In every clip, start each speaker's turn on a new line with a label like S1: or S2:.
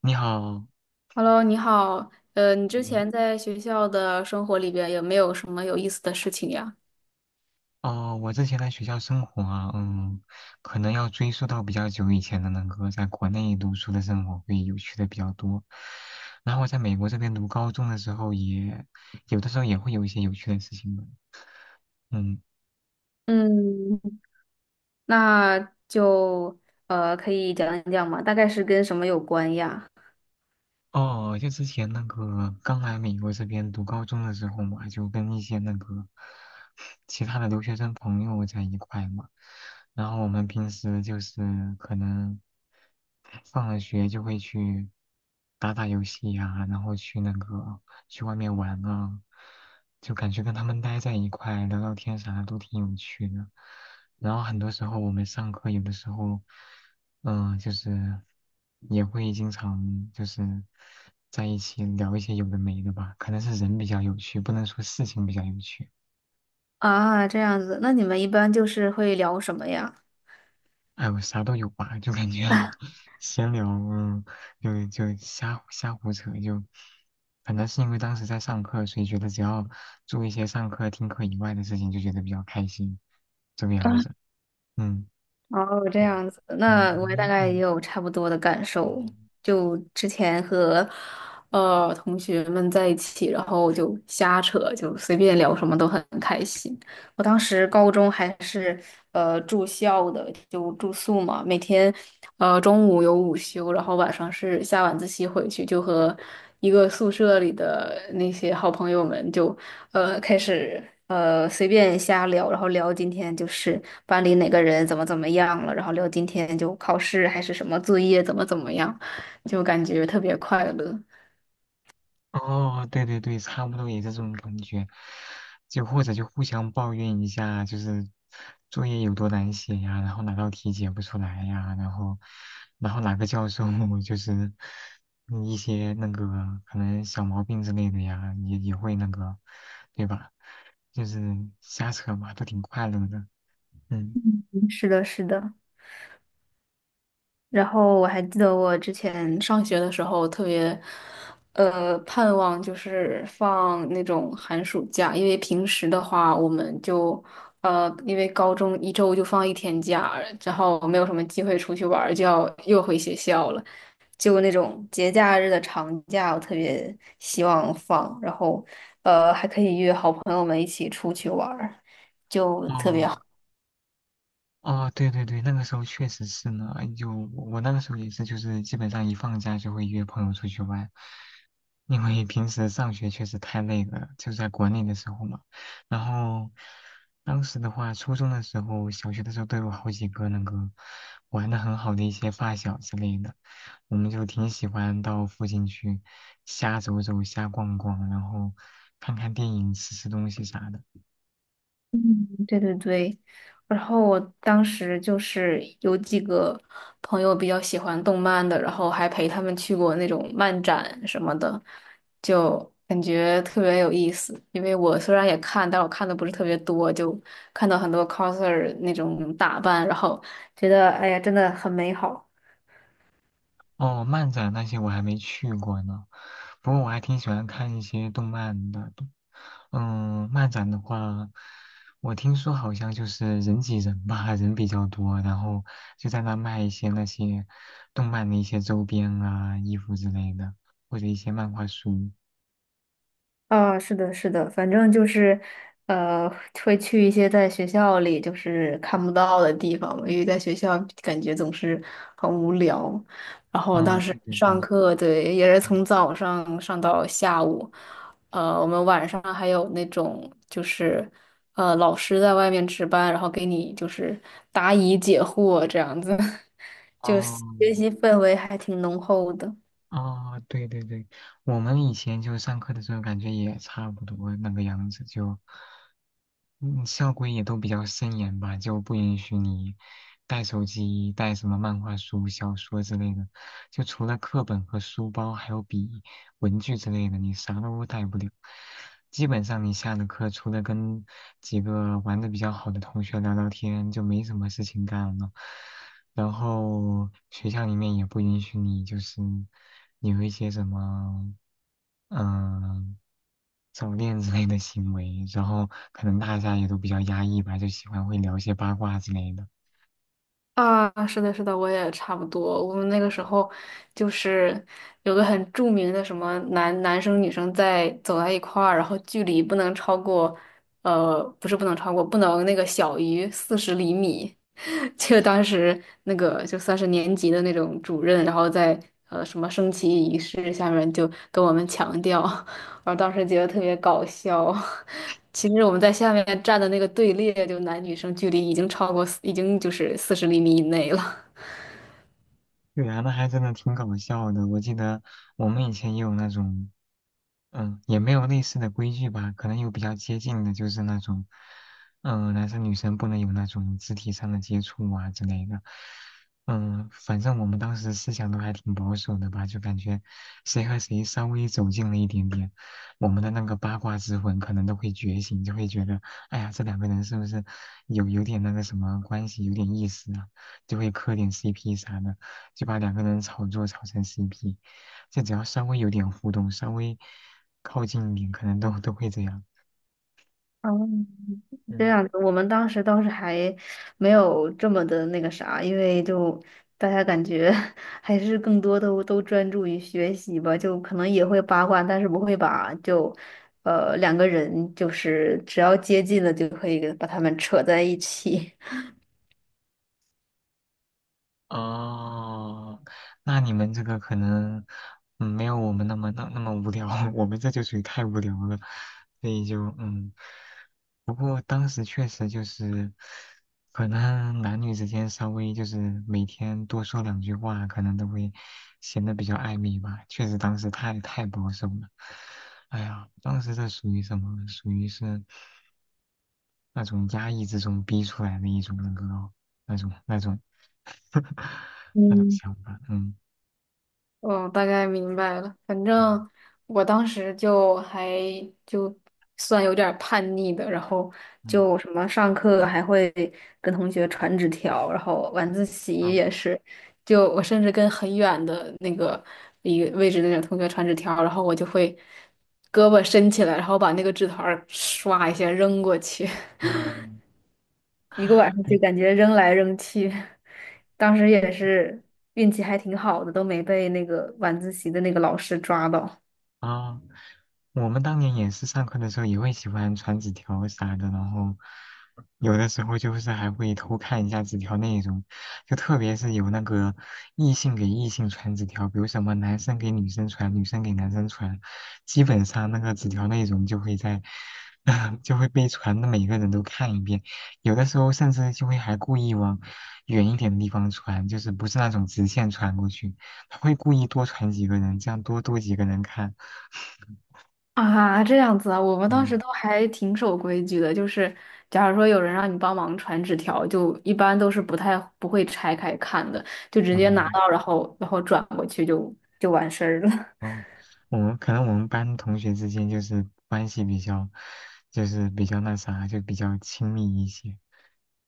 S1: 你好，
S2: Hello，你好。你之
S1: 嗯，
S2: 前在学校的生活里边有没有什么有意思的事情呀？
S1: 哦，我之前在学校生活啊，可能要追溯到比较久以前的那个在国内读书的生活会有趣的比较多。然后我在美国这边读高中的时候也，有的时候也会有一些有趣的事情的，嗯。
S2: 嗯。那就可以讲一讲吗？大概是跟什么有关呀？
S1: 哦，就之前那个刚来美国这边读高中的时候嘛，就跟一些那个其他的留学生朋友在一块嘛，然后我们平时就是可能放了学就会去打打游戏呀、然后去那个去外面玩啊，就感觉跟他们待在一块聊聊天啥的都挺有趣的。然后很多时候我们上课有的时候，就是也会经常就是在一起聊一些有的没的吧，可能是人比较有趣，不能说事情比较有趣。
S2: 啊，这样子，那你们一般就是会聊什么呀？
S1: 哎我啥都有吧，就感觉 闲聊，就瞎胡扯，就可能是因为当时在上课，所以觉得只要做一些上课、听课以外的事情，就觉得比较开心，这个样子。嗯
S2: 哦，这
S1: 对，
S2: 样子，那我
S1: 因
S2: 大
S1: 为
S2: 概也有差不多的感受。
S1: 嗯。
S2: 就之前和同学们在一起，然后就瞎扯，就随便聊什么都很开心。我当时高中还是住校的，就住宿嘛，每天中午有午休，然后晚上是下晚自习回去，就和一个宿舍里的那些好朋友们就开始随便瞎聊，然后聊今天就是班里哪个人怎么怎么样了，然后聊今天就考试还是什么作业怎么怎么样，就感觉特别快乐。
S1: 哦，对对对，差不多也是这种感觉，就或者就互相抱怨一下，就是作业有多难写呀，然后哪道题解不出来呀，然后哪个教授 就是一些那个可能小毛病之类的呀，也会那个，对吧？就是瞎扯嘛，都挺快乐的，嗯。
S2: 嗯，是的，是的。然后我还记得我之前上学的时候特别盼望就是放那种寒暑假，因为平时的话我们就。因为高中一周就放一天假，然后没有什么机会出去玩儿就要又回学校了。就那种节假日的长假，我特别希望放，然后还可以约好朋友们一起出去玩儿，就特别
S1: 哦
S2: 好。
S1: 哦，对对对，那个时候确实是呢，就我那个时候也是，就是基本上一放假就会约朋友出去玩，因为平时上学确实太累了，就在国内的时候嘛。然后当时的话，初中的时候、小学的时候都有好几个那个玩的很好的一些发小之类的，我们就挺喜欢到附近去瞎走走、瞎逛逛，然后看看电影、吃吃东西啥的。
S2: 嗯，对对对。然后我当时就是有几个朋友比较喜欢动漫的，然后还陪他们去过那种漫展什么的，就感觉特别有意思。因为我虽然也看，但我看的不是特别多，就看到很多 coser 那种打扮，然后觉得哎呀，真的很美好。
S1: 哦，漫展那些我还没去过呢，不过我还挺喜欢看一些动漫的。嗯，漫展的话，我听说好像就是人挤人吧，人比较多，然后就在那卖一些那些动漫的一些周边啊、衣服之类的，或者一些漫画书。
S2: 啊，是的，是的，反正就是，呃，会去一些在学校里就是看不到的地方嘛，因为在学校感觉总是很无聊。然后
S1: 嗯，
S2: 当时
S1: 对对对，
S2: 上课，对，也是
S1: 嗯，
S2: 从早上上到下午，我们晚上还有那种就是，老师在外面值班，然后给你就是答疑解惑这样子，就
S1: 哦，
S2: 学习氛围还挺浓厚的。
S1: 啊，对对对，我们以前就上课的时候感觉也差不多那个样子，就嗯，校规也都比较森严吧，就不允许你带手机、带什么漫画书、小说之类的，就除了课本和书包，还有笔、文具之类的，你啥都带不了。基本上你下了课，除了跟几个玩的比较好的同学聊聊天，就没什么事情干了。然后学校里面也不允许你就是有一些什么嗯早恋之类的行为，然后可能大家也都比较压抑吧，就喜欢会聊一些八卦之类的。
S2: 啊，是的，是的，我也差不多。我们那个时候就是有个很著名的什么男生女生在走在一块儿，然后距离不能超过，不是不能超过，不能那个小于四十厘米。就当时那个就算是年级的那种主任，然后在什么升旗仪式下面就跟我们强调，我当时觉得特别搞笑。其实我们在下面站的那个队列，就男女生距离已经超过四已经就是四十厘米以内了。
S1: 对啊，那还真的挺搞笑的。我记得我们以前也有那种。嗯，也没有类似的规矩吧，可能有比较接近的，就是那种，男生女生不能有那种肢体上的接触啊之类的。嗯，反正我们当时思想都还挺保守的吧，就感觉谁和谁稍微走近了一点点，我们的那个八卦之魂可能都会觉醒，就会觉得，哎呀，这两个人是不是有点那个什么关系，有点意思啊？就会磕点 CP 啥的，就把两个人炒作炒成 CP。就只要稍微有点互动，稍微靠近一点，可能都会这样。
S2: 嗯，这
S1: 嗯，
S2: 样子，我们当时倒是还没有这么的那个啥，因为就大家感觉 还是更多都专注于学习吧，就可能也会八卦，但是不会把就两个人就是只要接近了就可以把他们扯在一起。
S1: 哦，那你们这个可能没有我们那么那么无聊，我们这就属于太无聊了，所以就不过当时确实就是，可能男女之间稍微就是每天多说两句话，可能都会显得比较暧昧吧。确实当时太保守了，哎呀，当时这属于什么？属于是。那种压抑之中逼出来的一种那种 那种
S2: 嗯。
S1: 想法，嗯
S2: 嗯，大概明白了。反正
S1: 嗯
S2: 我当时就算有点儿叛逆的，然后
S1: 嗯
S2: 就什么上课还会跟同学传纸条，然后晚自习
S1: 嗯
S2: 也是，就我甚至跟很远的那个一个位置的那种同学传纸条，然后我就会胳膊伸起来，然后把那个纸团儿唰一下扔过去。
S1: 哦，
S2: 一个晚上就 感觉扔来扔去，当时也是运气还挺好的，都没被那个晚自习的那个老师抓到。
S1: 啊，我们当年也是上课的时候也会喜欢传纸条啥的，然后有的时候就是还会偷看一下纸条内容，就特别是有那个异性给异性传纸条，比如什么男生给女生传，女生给男生传，基本上那个纸条内容就会在，就会被传的每个人都看一遍，有的时候甚至就会还故意往远一点的地方传，就是不是那种直线传过去，他会故意多传几个人，这样多几个人看。嗯
S2: 啊，这样子啊，我们当
S1: 嗯，
S2: 时都还挺守规矩的，就是假如说有人让你帮忙传纸条，就一般都是不会拆开看的，就直接拿
S1: 嗯
S2: 到，然后转过去就完事儿了。
S1: 嗯，我们可能我们班同学之间就是关系比较，就是比较那啥，就比较亲密一些，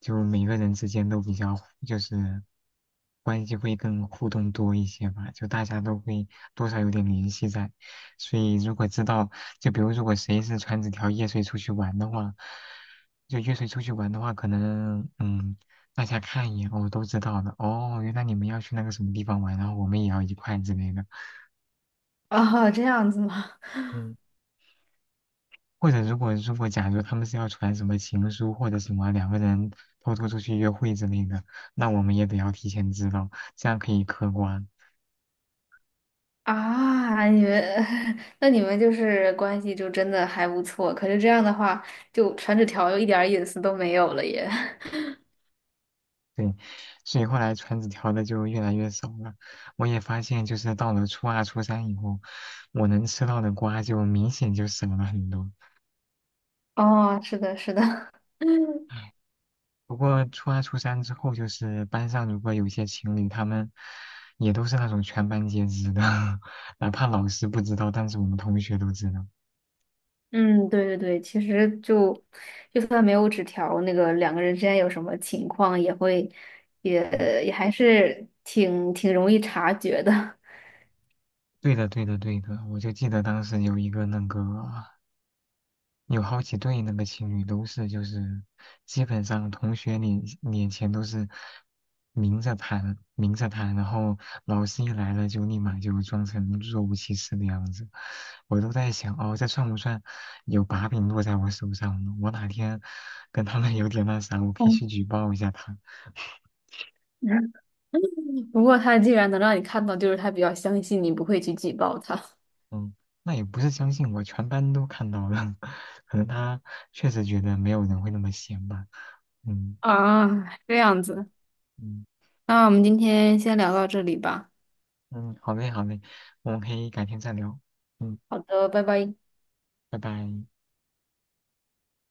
S1: 就每个人之间都比较就是关系会更互动多一些吧，就大家都会多少有点联系在，所以如果知道，就比如如果谁是传纸条夜睡出去玩的话，就夜睡出去玩的话，可能。大家看一眼，哦，都知道的，哦，原来你们要去那个什么地方玩，然后我们也要一块之类的。
S2: 啊，这样子吗？
S1: 嗯。或者如果假如他们是要传什么情书或者什么两个人偷偷出去约会之类的，那我们也得要提前知道，这样可以嗑瓜。
S2: 啊，你们，那你们就是关系就真的还不错。可是这样的话，就传纸条又一点儿隐私都没有了耶。
S1: 对，所以后来传纸条的就越来越少了。我也发现，就是到了初二、初三以后，我能吃到的瓜就明显就少了很多。
S2: 哦，是的，是的，
S1: 不过初二、初三之后，就是班上如果有些情侣，他们也都是那种全班皆知的，哪怕老师不知道，但是我们同学都知道。
S2: 嗯，对对对，其实就算没有纸条，那个两个人之间有什么情况，也会也
S1: 嗯
S2: 也还是挺容易察觉的。
S1: 对的，对的，对的，我就记得当时有一个那个，有好几对那个情侣都是，就是基本上同学脸前都是明着谈，明着谈，然后老师一来了就立马就装成若无其事的样子。我都在想，哦，这算不算有把柄落在我手上呢？我哪天跟他们 有点那啥，我可以去举报一下他。
S2: 嗯，不过他既然能让你看到，就是他比较相信你不会去举报他。
S1: 嗯，那也不是相信我，全班都看到了，可能他确实觉得没有人会那么闲吧。嗯
S2: 啊，这样子，
S1: 嗯
S2: 那我们今天先聊到这里吧。
S1: 嗯，好嘞好嘞，我们可以改天再聊。嗯，
S2: 好的，拜拜。
S1: 拜拜。